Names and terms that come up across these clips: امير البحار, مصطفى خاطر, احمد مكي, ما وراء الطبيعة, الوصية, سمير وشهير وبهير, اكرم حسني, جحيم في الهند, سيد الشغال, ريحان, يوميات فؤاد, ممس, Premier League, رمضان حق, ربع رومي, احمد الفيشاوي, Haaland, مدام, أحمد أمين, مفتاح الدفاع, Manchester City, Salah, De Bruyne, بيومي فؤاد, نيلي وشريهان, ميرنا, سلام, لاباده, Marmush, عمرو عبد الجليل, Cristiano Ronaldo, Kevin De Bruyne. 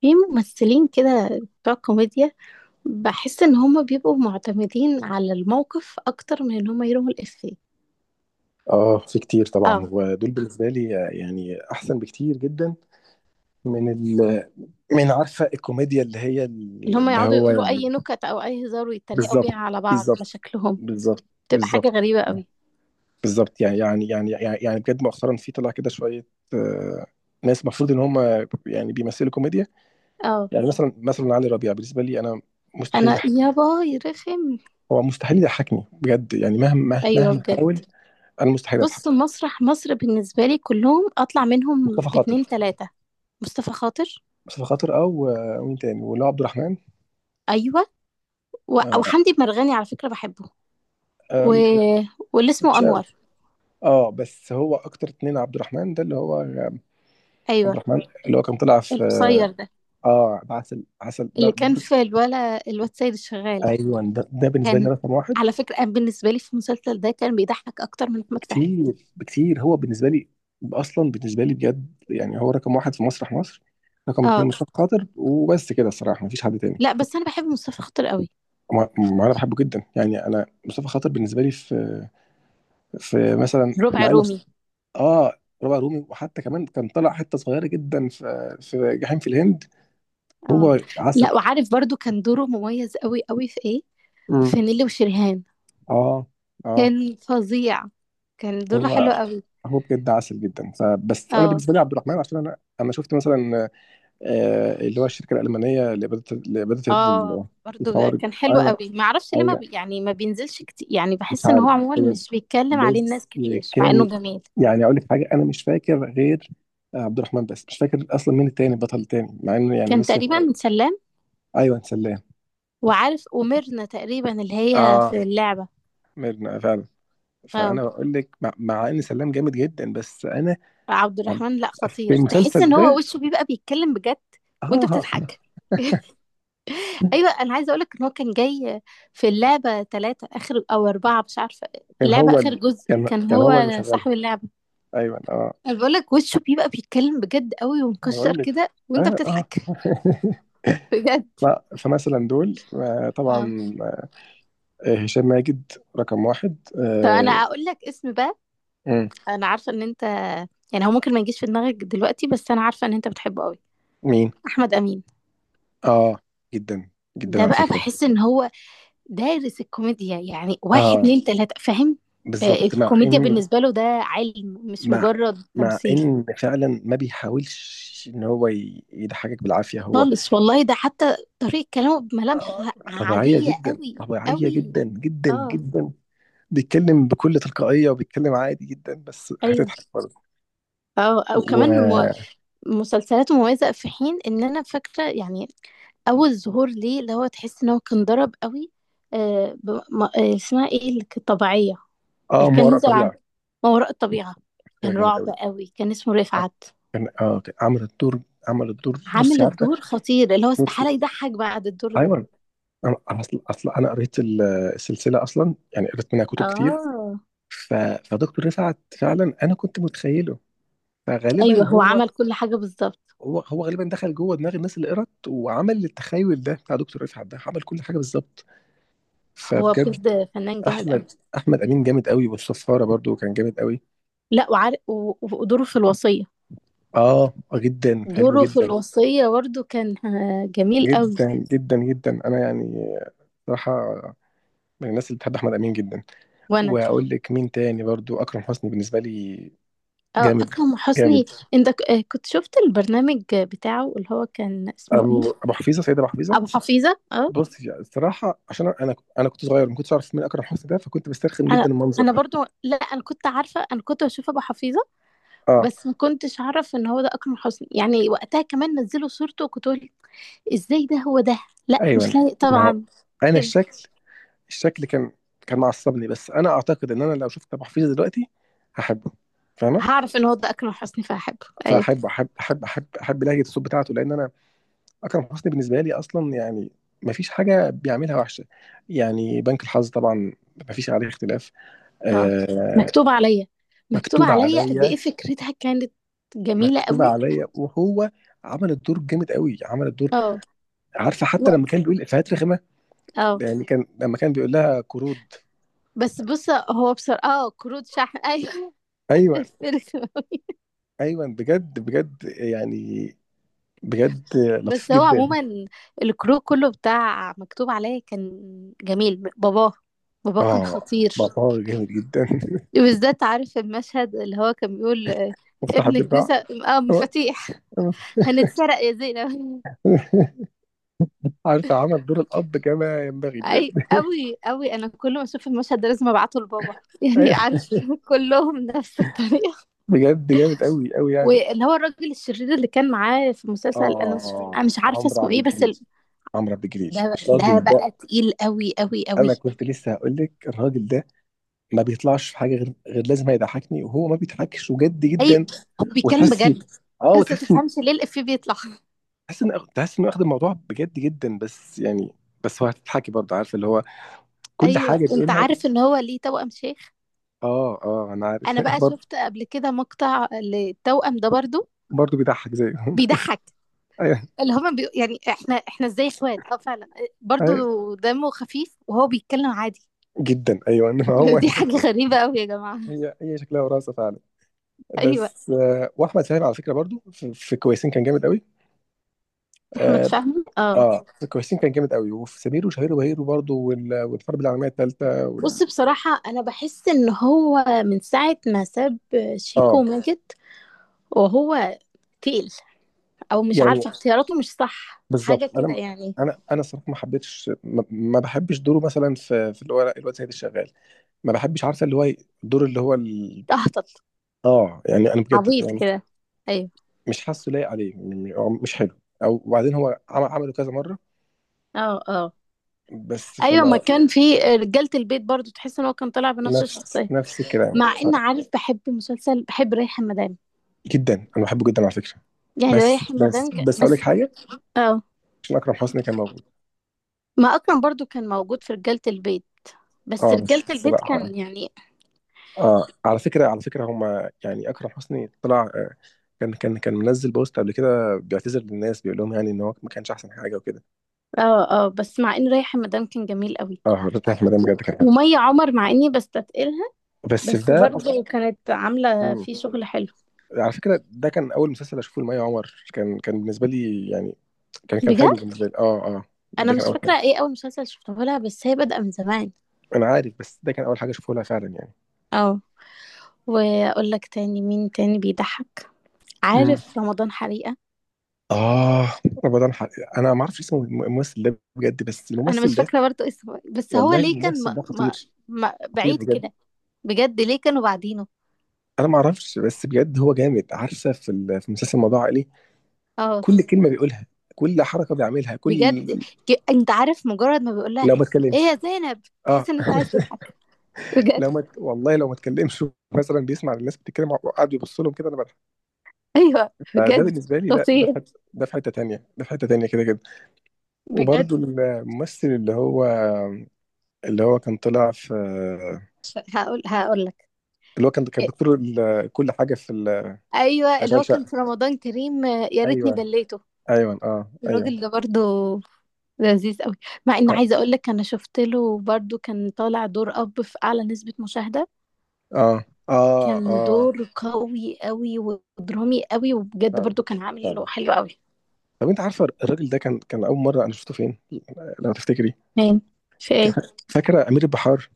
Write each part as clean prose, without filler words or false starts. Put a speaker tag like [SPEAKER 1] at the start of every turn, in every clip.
[SPEAKER 1] في ممثلين كده بتوع كوميديا، بحس ان هم بيبقوا معتمدين على الموقف اكتر من ان هم يرموا الافيه.
[SPEAKER 2] اه، في كتير طبعا.
[SPEAKER 1] اه،
[SPEAKER 2] ودول بالنسبه لي، يعني احسن بكتير جدا. من ال... من عارفه الكوميديا
[SPEAKER 1] اللي هم
[SPEAKER 2] اللي
[SPEAKER 1] يقعدوا
[SPEAKER 2] هو
[SPEAKER 1] يقولوا
[SPEAKER 2] يعني.
[SPEAKER 1] اي نكت او اي هزار ويتريقوا بيها
[SPEAKER 2] بالظبط،
[SPEAKER 1] على بعض على
[SPEAKER 2] بالظبط،
[SPEAKER 1] شكلهم.
[SPEAKER 2] بالظبط،
[SPEAKER 1] بتبقى حاجة
[SPEAKER 2] بالظبط،
[SPEAKER 1] غريبة قوي.
[SPEAKER 2] بالظبط. يعني بجد مؤخرا في طلع كده شويه. آه، ناس المفروض ان هم يعني بيمثلوا كوميديا.
[SPEAKER 1] اه،
[SPEAKER 2] يعني مثلا علي ربيع بالنسبه لي انا مستحيل
[SPEAKER 1] انا
[SPEAKER 2] يضحك.
[SPEAKER 1] يابا يرخم.
[SPEAKER 2] هو مستحيل يضحكني بجد يعني مهما مهما
[SPEAKER 1] ايوه
[SPEAKER 2] مهما
[SPEAKER 1] بجد.
[SPEAKER 2] حاول. انا مستحيل اضحك.
[SPEAKER 1] بص، مسرح مصر بالنسبة لي كلهم اطلع منهم
[SPEAKER 2] مصطفى
[SPEAKER 1] باتنين
[SPEAKER 2] خاطر
[SPEAKER 1] تلاتة: مصطفى خاطر.
[SPEAKER 2] مصطفى خاطر او، مين تاني؟ ولو عبد الرحمن.
[SPEAKER 1] ايوه
[SPEAKER 2] آه،
[SPEAKER 1] وحمدي مرغني على فكرة بحبه. و...
[SPEAKER 2] آه،
[SPEAKER 1] واللي اسمه
[SPEAKER 2] مش قوي.
[SPEAKER 1] انور.
[SPEAKER 2] اه، بس هو اكتر اتنين. عبد
[SPEAKER 1] ايوه،
[SPEAKER 2] الرحمن اللي هو كان طلع في،
[SPEAKER 1] القصير ده
[SPEAKER 2] اه عسل عسل،
[SPEAKER 1] اللي كان في الواد سيد الشغال.
[SPEAKER 2] ايوه، ده بالنسبه لي
[SPEAKER 1] كان،
[SPEAKER 2] رقم واحد.
[SPEAKER 1] على فكرة أنا بالنسبة لي في المسلسل ده كان بيضحك أكتر من أحمد فهمي.
[SPEAKER 2] كتير بكتير. هو بالنسبه لي بجد يعني هو رقم واحد في مسرح مصر. رقم اتنين
[SPEAKER 1] اه،
[SPEAKER 2] مصطفى خاطر وبس كده الصراحه، مفيش حد تاني.
[SPEAKER 1] لا بس أنا بحب مصطفى خاطر قوي.
[SPEAKER 2] ما ما انا بحبه جدا يعني. انا مصطفى خاطر بالنسبه لي في في مثلا،
[SPEAKER 1] ربع رومي.
[SPEAKER 2] اه، ربع رومي، وحتى كمان كان طلع حته صغيره جدا في جحيم في الهند.
[SPEAKER 1] اه،
[SPEAKER 2] هو عسل.
[SPEAKER 1] لا وعارف برضو كان دوره مميز قوي قوي في إيه،
[SPEAKER 2] امم
[SPEAKER 1] في نيلي وشريهان.
[SPEAKER 2] اه، اه.
[SPEAKER 1] كان فظيع، كان دوره
[SPEAKER 2] هو
[SPEAKER 1] حلو قوي.
[SPEAKER 2] هو بجد عسل جدا. فبس انا
[SPEAKER 1] اه،
[SPEAKER 2] بالنسبه لي عبد الرحمن، عشان انا شفت مثلا، اللي هو الشركه الالمانيه لاباده
[SPEAKER 1] اه برضو
[SPEAKER 2] الخوارج.
[SPEAKER 1] كان حلو
[SPEAKER 2] ايوه،
[SPEAKER 1] قوي، ما اعرفش ليه ما
[SPEAKER 2] ايوه.
[SPEAKER 1] بي... يعني ما بينزلش كتير، يعني
[SPEAKER 2] مش
[SPEAKER 1] بحس ان
[SPEAKER 2] عارف
[SPEAKER 1] هو عموما
[SPEAKER 2] بجد،
[SPEAKER 1] مش بيتكلم عليه
[SPEAKER 2] بس
[SPEAKER 1] الناس كتير مع انه
[SPEAKER 2] كان،
[SPEAKER 1] جميل.
[SPEAKER 2] اقول لك حاجه، انا مش فاكر غير عبد الرحمن، بس مش فاكر اصلا مين التاني، البطل التاني، مع انه يعني
[SPEAKER 1] كان
[SPEAKER 2] نسي.
[SPEAKER 1] تقريبا سلام.
[SPEAKER 2] ايوه، سلام.
[SPEAKER 1] وعارف، وميرنا تقريبا اللي هي في
[SPEAKER 2] اه،
[SPEAKER 1] اللعبة.
[SPEAKER 2] ميرنا فعلا.
[SPEAKER 1] اه،
[SPEAKER 2] فانا بقول لك، مع ان سلام جامد جدا، بس انا.
[SPEAKER 1] عبد الرحمن لا
[SPEAKER 2] في
[SPEAKER 1] خطير،
[SPEAKER 2] المسلسل
[SPEAKER 1] تحس ان هو
[SPEAKER 2] ده،
[SPEAKER 1] وشه بيبقى بيتكلم بجد وانت
[SPEAKER 2] اه
[SPEAKER 1] بتضحك. ايوه انا عايزه اقولك ان هو كان جاي في اللعبه ثلاثه اخر او اربعه مش عارفه.
[SPEAKER 2] كان
[SPEAKER 1] اللعبه
[SPEAKER 2] هو
[SPEAKER 1] اخر
[SPEAKER 2] ال...
[SPEAKER 1] جزء
[SPEAKER 2] كان
[SPEAKER 1] كان
[SPEAKER 2] كان هو اللي
[SPEAKER 1] هو
[SPEAKER 2] مشغلها.
[SPEAKER 1] صاحب اللعبه.
[SPEAKER 2] ايوه، اه.
[SPEAKER 1] انا بقولك وشه بيبقى بيتكلم بجد قوي
[SPEAKER 2] انا
[SPEAKER 1] ومكشر
[SPEAKER 2] بقول لك.
[SPEAKER 1] كده وانت
[SPEAKER 2] اه، اه.
[SPEAKER 1] بتضحك. بجد.
[SPEAKER 2] لا، فمثلا دول،
[SPEAKER 1] اه،
[SPEAKER 2] طبعا. هشام ماجد، رقم واحد
[SPEAKER 1] طب انا
[SPEAKER 2] آه،
[SPEAKER 1] اقول لك اسم بقى.
[SPEAKER 2] مم.
[SPEAKER 1] انا عارفه ان انت، يعني هو ممكن ما يجيش في دماغك دلوقتي بس انا عارفه ان انت بتحبه قوي.
[SPEAKER 2] مين؟
[SPEAKER 1] احمد امين.
[SPEAKER 2] اه، جدا، جدا
[SPEAKER 1] ده
[SPEAKER 2] على
[SPEAKER 1] بقى
[SPEAKER 2] فكرة.
[SPEAKER 1] بحس ان هو دارس الكوميديا، يعني واحد
[SPEAKER 2] اه،
[SPEAKER 1] اتنين تلاتة فاهم. آه،
[SPEAKER 2] بالظبط.
[SPEAKER 1] الكوميديا بالنسبة له ده علم مش
[SPEAKER 2] مع
[SPEAKER 1] مجرد
[SPEAKER 2] مع
[SPEAKER 1] تمثيل
[SPEAKER 2] ان فعلا ما بيحاولش ان هو يضحكك بالعافية هو.
[SPEAKER 1] خالص. والله ده حتى طريقة كلامه بملامح
[SPEAKER 2] آه، طبيعية
[SPEAKER 1] عادية
[SPEAKER 2] جدا،
[SPEAKER 1] قوي
[SPEAKER 2] طبيعية
[SPEAKER 1] قوي.
[SPEAKER 2] جدا جدا
[SPEAKER 1] اه،
[SPEAKER 2] جدا. بيتكلم بكل تلقائية وبيتكلم عادي جدا، بس
[SPEAKER 1] ايوه
[SPEAKER 2] هتضحك برضه.
[SPEAKER 1] اه
[SPEAKER 2] و
[SPEAKER 1] وكمان مسلسلاته مميزة، في حين ان انا فاكرة يعني اول ظهور ليه اللي هو تحس ان هو كان ضرب قوي. آه ب... ما... آه اسمها ايه اللي كانت طبيعية،
[SPEAKER 2] اه
[SPEAKER 1] اللي
[SPEAKER 2] ما
[SPEAKER 1] كان
[SPEAKER 2] وراء
[SPEAKER 1] نزل عن
[SPEAKER 2] الطبيعة،
[SPEAKER 1] ما وراء الطبيعة.
[SPEAKER 2] فكرة
[SPEAKER 1] كان
[SPEAKER 2] جامد
[SPEAKER 1] رعب
[SPEAKER 2] قوي.
[SPEAKER 1] قوي، كان اسمه رفعت.
[SPEAKER 2] كان، كان عمل الدور. عمل الدور، بصي،
[SPEAKER 1] عامل
[SPEAKER 2] عارفة.
[SPEAKER 1] الدور خطير اللي هو
[SPEAKER 2] بصي،
[SPEAKER 1] استحالة يضحك بعد الدور ده.
[SPEAKER 2] ايوه. انا، اصل انا قريت السلسلة اصلا، يعني قريت منها كتب كتير.
[SPEAKER 1] اه،
[SPEAKER 2] ف... فدكتور رفعت فعلا انا كنت متخيله، فغالبا
[SPEAKER 1] ايوه هو عمل كل حاجة بالظبط.
[SPEAKER 2] هو غالبا دخل جوه دماغ الناس اللي قرت، وعمل التخيل ده بتاع دكتور رفعت ده، عمل كل حاجة بالظبط.
[SPEAKER 1] هو
[SPEAKER 2] فبجد
[SPEAKER 1] بجد فنان جامد قوي.
[SPEAKER 2] احمد امين جامد قوي، والصفاره برضو كان جامد قوي.
[SPEAKER 1] لا وعارف ودوره في الوصية،
[SPEAKER 2] اه، جدا حلو
[SPEAKER 1] دوره في
[SPEAKER 2] جدا.
[SPEAKER 1] الوصية برضه كان آه، جميل قوي.
[SPEAKER 2] جدا جدا جدا، انا يعني صراحه من الناس اللي بتحب احمد امين جدا.
[SPEAKER 1] وانا
[SPEAKER 2] واقول لك مين تاني برضو، اكرم حسني بالنسبه لي.
[SPEAKER 1] آه،
[SPEAKER 2] جامد،
[SPEAKER 1] اكرم حسني.
[SPEAKER 2] جامد.
[SPEAKER 1] انت كنت شفت البرنامج بتاعه اللي هو كان اسمه ايه.
[SPEAKER 2] ابو حفيظه، سيد ابو حفيظه.
[SPEAKER 1] ابو حفيظة اه.
[SPEAKER 2] بص الصراحه، عشان انا كنت صغير ما كنتش اعرف مين اكرم حسني ده، فكنت بسترخم
[SPEAKER 1] انا
[SPEAKER 2] جدا المنظر
[SPEAKER 1] انا
[SPEAKER 2] ده.
[SPEAKER 1] برضو، لا انا كنت عارفه، انا كنت بشوف ابو حفيظه
[SPEAKER 2] اه،
[SPEAKER 1] بس ما كنتش اعرف ان هو ده اكرم حسني، يعني وقتها كمان نزلوا صورته وكنت: ازاي ده هو ده؟ لا مش
[SPEAKER 2] ايوه،
[SPEAKER 1] لايق
[SPEAKER 2] ما هو
[SPEAKER 1] طبعا
[SPEAKER 2] انا
[SPEAKER 1] كده.
[SPEAKER 2] الشكل. الشكل كان كان معصبني، بس انا اعتقد ان انا لو شفت ابو حفيظه دلوقتي هحبه. فاهمه؟
[SPEAKER 1] هعرف ان هو ده اكرم حسني فهحبه ايوه.
[SPEAKER 2] فاحب احب احب احب احب لهجه الصوت بتاعته. لان انا اكرم حسني بالنسبه لي اصلا، يعني ما فيش حاجه بيعملها وحشه، يعني بنك الحظ طبعا، ما فيش عليه اختلاف.
[SPEAKER 1] اه،
[SPEAKER 2] آه
[SPEAKER 1] مكتوب عليا، مكتوب
[SPEAKER 2] مكتوبه
[SPEAKER 1] عليا قد ايه
[SPEAKER 2] عليا،
[SPEAKER 1] فكرتها كانت جميله
[SPEAKER 2] مكتوبه
[SPEAKER 1] قوي.
[SPEAKER 2] عليا. وهو عمل الدور جامد قوي. عمل الدور،
[SPEAKER 1] اه
[SPEAKER 2] عارفه،
[SPEAKER 1] و...
[SPEAKER 2] حتى لما كان بيقول افيهات رخمه
[SPEAKER 1] اه
[SPEAKER 2] يعني. كان لما كان بيقول لها قرود.
[SPEAKER 1] بس بص هو بصراحه اه كروت شحن ايوه.
[SPEAKER 2] ايوه،
[SPEAKER 1] قفلت أوي.
[SPEAKER 2] ايوه، بجد بجد يعني، بجد لطيف
[SPEAKER 1] بس هو
[SPEAKER 2] جدا.
[SPEAKER 1] عموما الكرو كله بتاع مكتوب عليا كان جميل. باباه، باباه كان
[SPEAKER 2] اه،
[SPEAKER 1] خطير.
[SPEAKER 2] بابا جامد جدا.
[SPEAKER 1] وبالذات عارف المشهد اللي هو كان بيقول آه،
[SPEAKER 2] مفتاح
[SPEAKER 1] ابنك
[SPEAKER 2] الدفاع.
[SPEAKER 1] نسى، اه، مفاتيح، هنتسرق يا زينب.
[SPEAKER 2] عارفه عمل دور الاب كما ينبغي بجد.
[SPEAKER 1] اي قوي قوي، انا كل ما اشوف المشهد ده لازم ابعته لبابا. يعني
[SPEAKER 2] ايوه،
[SPEAKER 1] عارف كلهم نفس الطريقه.
[SPEAKER 2] بجد جامد قوي قوي يعني. مصطفى
[SPEAKER 1] واللي هو الراجل الشرير اللي كان معاه في
[SPEAKER 2] شعبان.
[SPEAKER 1] المسلسل، انا مش أنا مش عارفه
[SPEAKER 2] عمرو
[SPEAKER 1] اسمه
[SPEAKER 2] عبد
[SPEAKER 1] ايه، بس
[SPEAKER 2] الجليل. عمرو عبد الجليل،
[SPEAKER 1] ده ده
[SPEAKER 2] الراجل ده،
[SPEAKER 1] بقى تقيل قوي قوي قوي.
[SPEAKER 2] انا كنت لسه هقول لك. الراجل ده ما بيطلعش في حاجه غير لازم هيضحكني، وهو ما بيضحكش وجد
[SPEAKER 1] اي
[SPEAKER 2] جدا.
[SPEAKER 1] هو بيتكلم
[SPEAKER 2] وتحسي،
[SPEAKER 1] بجد
[SPEAKER 2] اه
[SPEAKER 1] بس ما
[SPEAKER 2] وتحسي،
[SPEAKER 1] تفهمش ليه الإفيه بيطلع.
[SPEAKER 2] تحس انه واخد الموضوع بجد جدا، بس يعني بس هو هتضحكي برضه، عارفه، اللي هو كل
[SPEAKER 1] ايوه
[SPEAKER 2] حاجه
[SPEAKER 1] انت
[SPEAKER 2] بيقولها.
[SPEAKER 1] عارف ان هو ليه توأم شيخ.
[SPEAKER 2] اه، اه، انا عارف.
[SPEAKER 1] انا بقى
[SPEAKER 2] برضه،
[SPEAKER 1] شفت قبل كده مقطع للتوأم ده برضو
[SPEAKER 2] برضه بيضحك زيه.
[SPEAKER 1] بيضحك.
[SPEAKER 2] ايوه،
[SPEAKER 1] يعني احنا ازاي اخوات، اه فعلا. برضو
[SPEAKER 2] ايوه،
[SPEAKER 1] دمه خفيف وهو بيتكلم عادي.
[SPEAKER 2] جدا، ايوه.
[SPEAKER 1] دي حاجة غريبة قوي يا جماعة.
[SPEAKER 2] هي شكلها وراثه فعلا.
[SPEAKER 1] ايوه،
[SPEAKER 2] بس، واحمد سامي على فكره برضو في في كويسين كان جامد قوي.
[SPEAKER 1] احمد
[SPEAKER 2] اه،
[SPEAKER 1] فهمي اه.
[SPEAKER 2] في كويسين كان جامد قوي، وفي سمير وشهير وبهير برضو، والحرب العالميه الثالثه
[SPEAKER 1] بص بصراحة أنا بحس إن هو من ساعة ما ساب شيكو
[SPEAKER 2] اه،
[SPEAKER 1] وماجد وهو تقل، أو مش
[SPEAKER 2] يعني
[SPEAKER 1] عارفة اختياراته مش صح حاجة
[SPEAKER 2] بالظبط.
[SPEAKER 1] كده
[SPEAKER 2] انا،
[SPEAKER 1] يعني.
[SPEAKER 2] الصراحه ما حبيتش ما, ما بحبش دوره مثلا في اللي هو الواد سيد الشغال. ما بحبش، عارفه، اللي هو الدور اللي هو
[SPEAKER 1] تهطل،
[SPEAKER 2] اه، يعني انا بجد
[SPEAKER 1] عبيط
[SPEAKER 2] يعني
[SPEAKER 1] كده، أيوة.
[SPEAKER 2] مش حاسه لايق عليه. مش حلو. او، وبعدين هو عمل عمله كذا مره،
[SPEAKER 1] اه اه
[SPEAKER 2] بس
[SPEAKER 1] أيوة، ما
[SPEAKER 2] فما.
[SPEAKER 1] كان في رجالة البيت برضو تحس إن هو كان طالع بنفس
[SPEAKER 2] نفس
[SPEAKER 1] الشخصية.
[SPEAKER 2] نفس الكلام
[SPEAKER 1] مع
[SPEAKER 2] ف...
[SPEAKER 1] إن عارف بحب مسلسل، بحب ريحان مدام،
[SPEAKER 2] جدا، انا بحبه جدا على فكره.
[SPEAKER 1] يعني
[SPEAKER 2] بس بس بس اقول لك
[SPEAKER 1] بس
[SPEAKER 2] حاجه،
[SPEAKER 1] اه.
[SPEAKER 2] عشان اكرم حسني كان موجود.
[SPEAKER 1] ما اكرم برضو كان موجود في رجالة البيت، بس
[SPEAKER 2] اه، بس
[SPEAKER 1] رجالة البيت
[SPEAKER 2] الصراحه، اه،
[SPEAKER 1] كان يعني
[SPEAKER 2] على فكره، على فكره، هما يعني اكرم حسني طلع، كان منزل بوست قبل كده بيعتذر للناس، بيقول لهم يعني ان هو ما كانش احسن حاجه وكده.
[SPEAKER 1] اه اه. بس مع ان رايح المدام كان جميل قوي،
[SPEAKER 2] اه، حضرتك، في مدام بجد كان حلو.
[SPEAKER 1] ومية عمر مع اني بستثقلها
[SPEAKER 2] بس في
[SPEAKER 1] بس
[SPEAKER 2] ده اصلا.
[SPEAKER 1] برضو كانت عاملة
[SPEAKER 2] مم.
[SPEAKER 1] فيه شغل حلو.
[SPEAKER 2] على فكره ده كان اول مسلسل اشوفه لمي عمر. كان كان بالنسبه لي يعني، كان كان حلو
[SPEAKER 1] بجد.
[SPEAKER 2] بالنسبه لي. اه، اه،
[SPEAKER 1] انا
[SPEAKER 2] ده كان
[SPEAKER 1] مش
[SPEAKER 2] اول حاجه.
[SPEAKER 1] فاكرة ايه اول مسلسل شفته لها، بس هي بادئة من زمان.
[SPEAKER 2] انا عارف، بس ده كان اول حاجه اشوفه لها فعلا يعني.
[SPEAKER 1] اه، واقول لك تاني، مين تاني بيضحك؟
[SPEAKER 2] مم.
[SPEAKER 1] عارف رمضان حريقة.
[SPEAKER 2] آه، رمضان حق. أنا ما أعرفش اسم الممثل ده بجد، بس
[SPEAKER 1] انا
[SPEAKER 2] الممثل
[SPEAKER 1] مش
[SPEAKER 2] ده،
[SPEAKER 1] فاكرة برضو اسمه إيه، بس هو
[SPEAKER 2] والله
[SPEAKER 1] ليه كان
[SPEAKER 2] الممثل ده خطير،
[SPEAKER 1] بعيد
[SPEAKER 2] خطير بجد.
[SPEAKER 1] كده؟ بجد ليه كانوا بعدينه؟
[SPEAKER 2] أنا ما أعرفش، بس بجد هو جامد. عارفة في في مسلسل موضوع عائلي،
[SPEAKER 1] اه
[SPEAKER 2] كل كلمة بيقولها، كل حركة بيعملها، كل،
[SPEAKER 1] بجد، انت عارف مجرد ما بيقول لها:
[SPEAKER 2] لو ما
[SPEAKER 1] ايه
[SPEAKER 2] اتكلمش.
[SPEAKER 1] يا زينب؟
[SPEAKER 2] آه.
[SPEAKER 1] تحس ان انت عايز تضحك بجد.
[SPEAKER 2] لو ما ت- والله لو ما اتكلمش، مثلا بيسمع الناس بتتكلم وقاعد يبص لهم كده، أنا بضحك.
[SPEAKER 1] ايوه
[SPEAKER 2] فده
[SPEAKER 1] بجد
[SPEAKER 2] بالنسبة لي لا، ده في
[SPEAKER 1] خطير.
[SPEAKER 2] حتة، ده في حتة تانية، ده في حتة تانية كده كده.
[SPEAKER 1] بجد.
[SPEAKER 2] وبرضه الممثل اللي هو، اللي هو كان طلع في،
[SPEAKER 1] هقول لك
[SPEAKER 2] اللي هو كان، كان
[SPEAKER 1] إيه،
[SPEAKER 2] دكتور كل حاجه في
[SPEAKER 1] ايوه اللي
[SPEAKER 2] اشغال
[SPEAKER 1] هو كان
[SPEAKER 2] شقه.
[SPEAKER 1] في رمضان كريم آه، يا ريتني
[SPEAKER 2] ايوه،
[SPEAKER 1] بليته.
[SPEAKER 2] ايوه، اه، ايوه.
[SPEAKER 1] الراجل ده برضو لذيذ قوي. مع ان
[SPEAKER 2] اه،
[SPEAKER 1] عايزه اقول لك انا شفت له برضو كان طالع دور اب في اعلى نسبه مشاهده.
[SPEAKER 2] اه،
[SPEAKER 1] كان دور قوي قوي ودرامي قوي، وبجد
[SPEAKER 2] فعلا،
[SPEAKER 1] برضو كان عامل
[SPEAKER 2] فعلا.
[SPEAKER 1] له حلو قوي.
[SPEAKER 2] طب انت عارفه الراجل ده كان كان اول مره انا شفته فين؟ لو تفتكري.
[SPEAKER 1] مين؟ في ايه؟
[SPEAKER 2] كان- فاكره امير البحار؟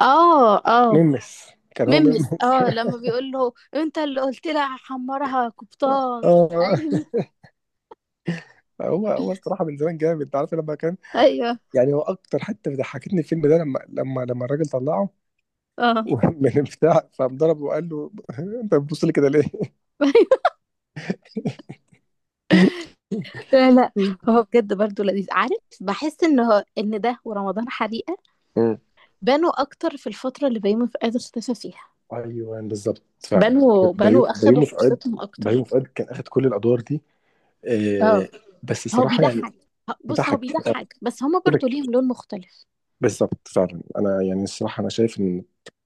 [SPEAKER 1] اه اه
[SPEAKER 2] ممس. كان هو
[SPEAKER 1] ميمس،
[SPEAKER 2] ممس.
[SPEAKER 1] اه لما بيقول له: انت اللي قلت لها هحمرها يا قبطان.
[SPEAKER 2] اه،
[SPEAKER 1] ايوه،
[SPEAKER 2] هو الصراحه من زمان جامد. انت عارف لما كان
[SPEAKER 1] ايوه
[SPEAKER 2] يعني، هو اكتر حته ضحكتني الفيلم ده لما لما الراجل طلعه
[SPEAKER 1] اه.
[SPEAKER 2] من البتاع، فقام ضربه وقال له، انت بتبص لي كده ليه؟
[SPEAKER 1] لا لا هو بجد برضه لذيذ. عارف بحس ان هو ان ده ورمضان حريقه اكتر في الفتره اللي بيومي فؤاد اختفى فيها.
[SPEAKER 2] ايوه، بالظبط فعلا.
[SPEAKER 1] بانوا بانوا اخدوا
[SPEAKER 2] بيومي فؤاد.
[SPEAKER 1] فرصتهم
[SPEAKER 2] بيومي
[SPEAKER 1] اكتر.
[SPEAKER 2] فؤاد كان اخد كل الادوار دي. آه،
[SPEAKER 1] اه،
[SPEAKER 2] بس
[SPEAKER 1] هو
[SPEAKER 2] الصراحه يعني
[SPEAKER 1] بيضحك. بص هو
[SPEAKER 2] ضحك
[SPEAKER 1] بيضحك بس هما
[SPEAKER 2] كده
[SPEAKER 1] برضه
[SPEAKER 2] ك-
[SPEAKER 1] ليهم لون مختلف.
[SPEAKER 2] بالظبط فعلا. انا يعني الصراحه انا شايف ان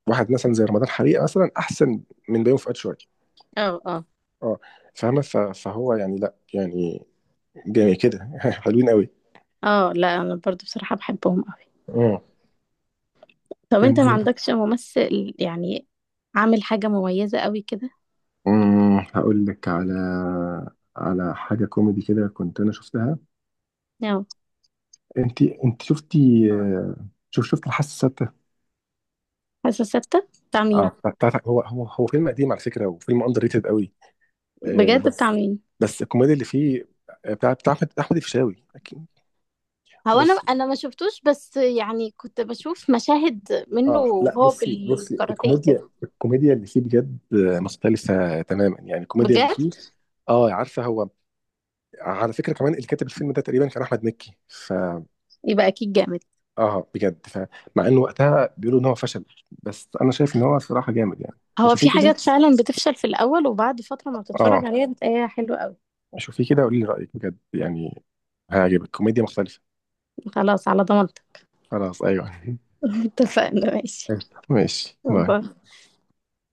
[SPEAKER 2] واحد مثلا زي رمضان حريقه مثلا احسن من بيومي فؤاد شويه.
[SPEAKER 1] اه اه
[SPEAKER 2] اه، فاهمه؟ فهو يعني، لا يعني، جميل كده. حلوين قوي.
[SPEAKER 1] اه لا انا برضه بصراحه بحبهم قوي.
[SPEAKER 2] اه،
[SPEAKER 1] طب
[SPEAKER 2] كان،
[SPEAKER 1] انت ما عندكش ممثل يعني عامل حاجه مميزه قوي كده؟
[SPEAKER 2] هقول لك على حاجه كوميدي كده كنت انا شفتها.
[SPEAKER 1] نعم؟
[SPEAKER 2] انت شفتي؟ آه، شفت الحاسه؟
[SPEAKER 1] حاسة ستة بتاع مين؟
[SPEAKER 2] اه، بتاعت، هو فيلم قديم على فكره، وفيلم اندر ريتد قوي.
[SPEAKER 1] بجد بتاع
[SPEAKER 2] بس،
[SPEAKER 1] مين؟
[SPEAKER 2] الكوميديا اللي فيه، بتاع احمد الفيشاوي اكيد.
[SPEAKER 1] هو انا
[SPEAKER 2] بص
[SPEAKER 1] انا ما شفتوش، بس يعني كنت بشوف مشاهد منه
[SPEAKER 2] اه لا
[SPEAKER 1] وهو
[SPEAKER 2] بصي،
[SPEAKER 1] بالكاراتيه
[SPEAKER 2] الكوميديا،
[SPEAKER 1] كده.
[SPEAKER 2] اللي فيه بجد، مختلفه تماما يعني، الكوميديا اللي فيه.
[SPEAKER 1] بجد
[SPEAKER 2] اه، عارفه هو، على فكره كمان اللي كاتب الفيلم ده تقريبا كان احمد مكي، ف،
[SPEAKER 1] يبقى أكيد جامد.
[SPEAKER 2] اه، بجد، ف، مع انه وقتها بيقولوا ان هو فشل، بس انا شايف ان هو صراحه جامد يعني.
[SPEAKER 1] هو
[SPEAKER 2] شوفيه
[SPEAKER 1] في
[SPEAKER 2] كده.
[SPEAKER 1] حاجات فعلا بتفشل في الأول وبعد فترة ما بتتفرج
[SPEAKER 2] اه،
[SPEAKER 1] عليها بتلاقيها حلوة قوي.
[SPEAKER 2] شوفيه كده، قولي لي رايك بجد يعني، هيعجبك، كوميديا مختلفه.
[SPEAKER 1] خلاص على ضمانتك.
[SPEAKER 2] خلاص، أيوه.
[SPEAKER 1] اتفقنا ماشي،
[SPEAKER 2] ماشي، باي.
[SPEAKER 1] باي.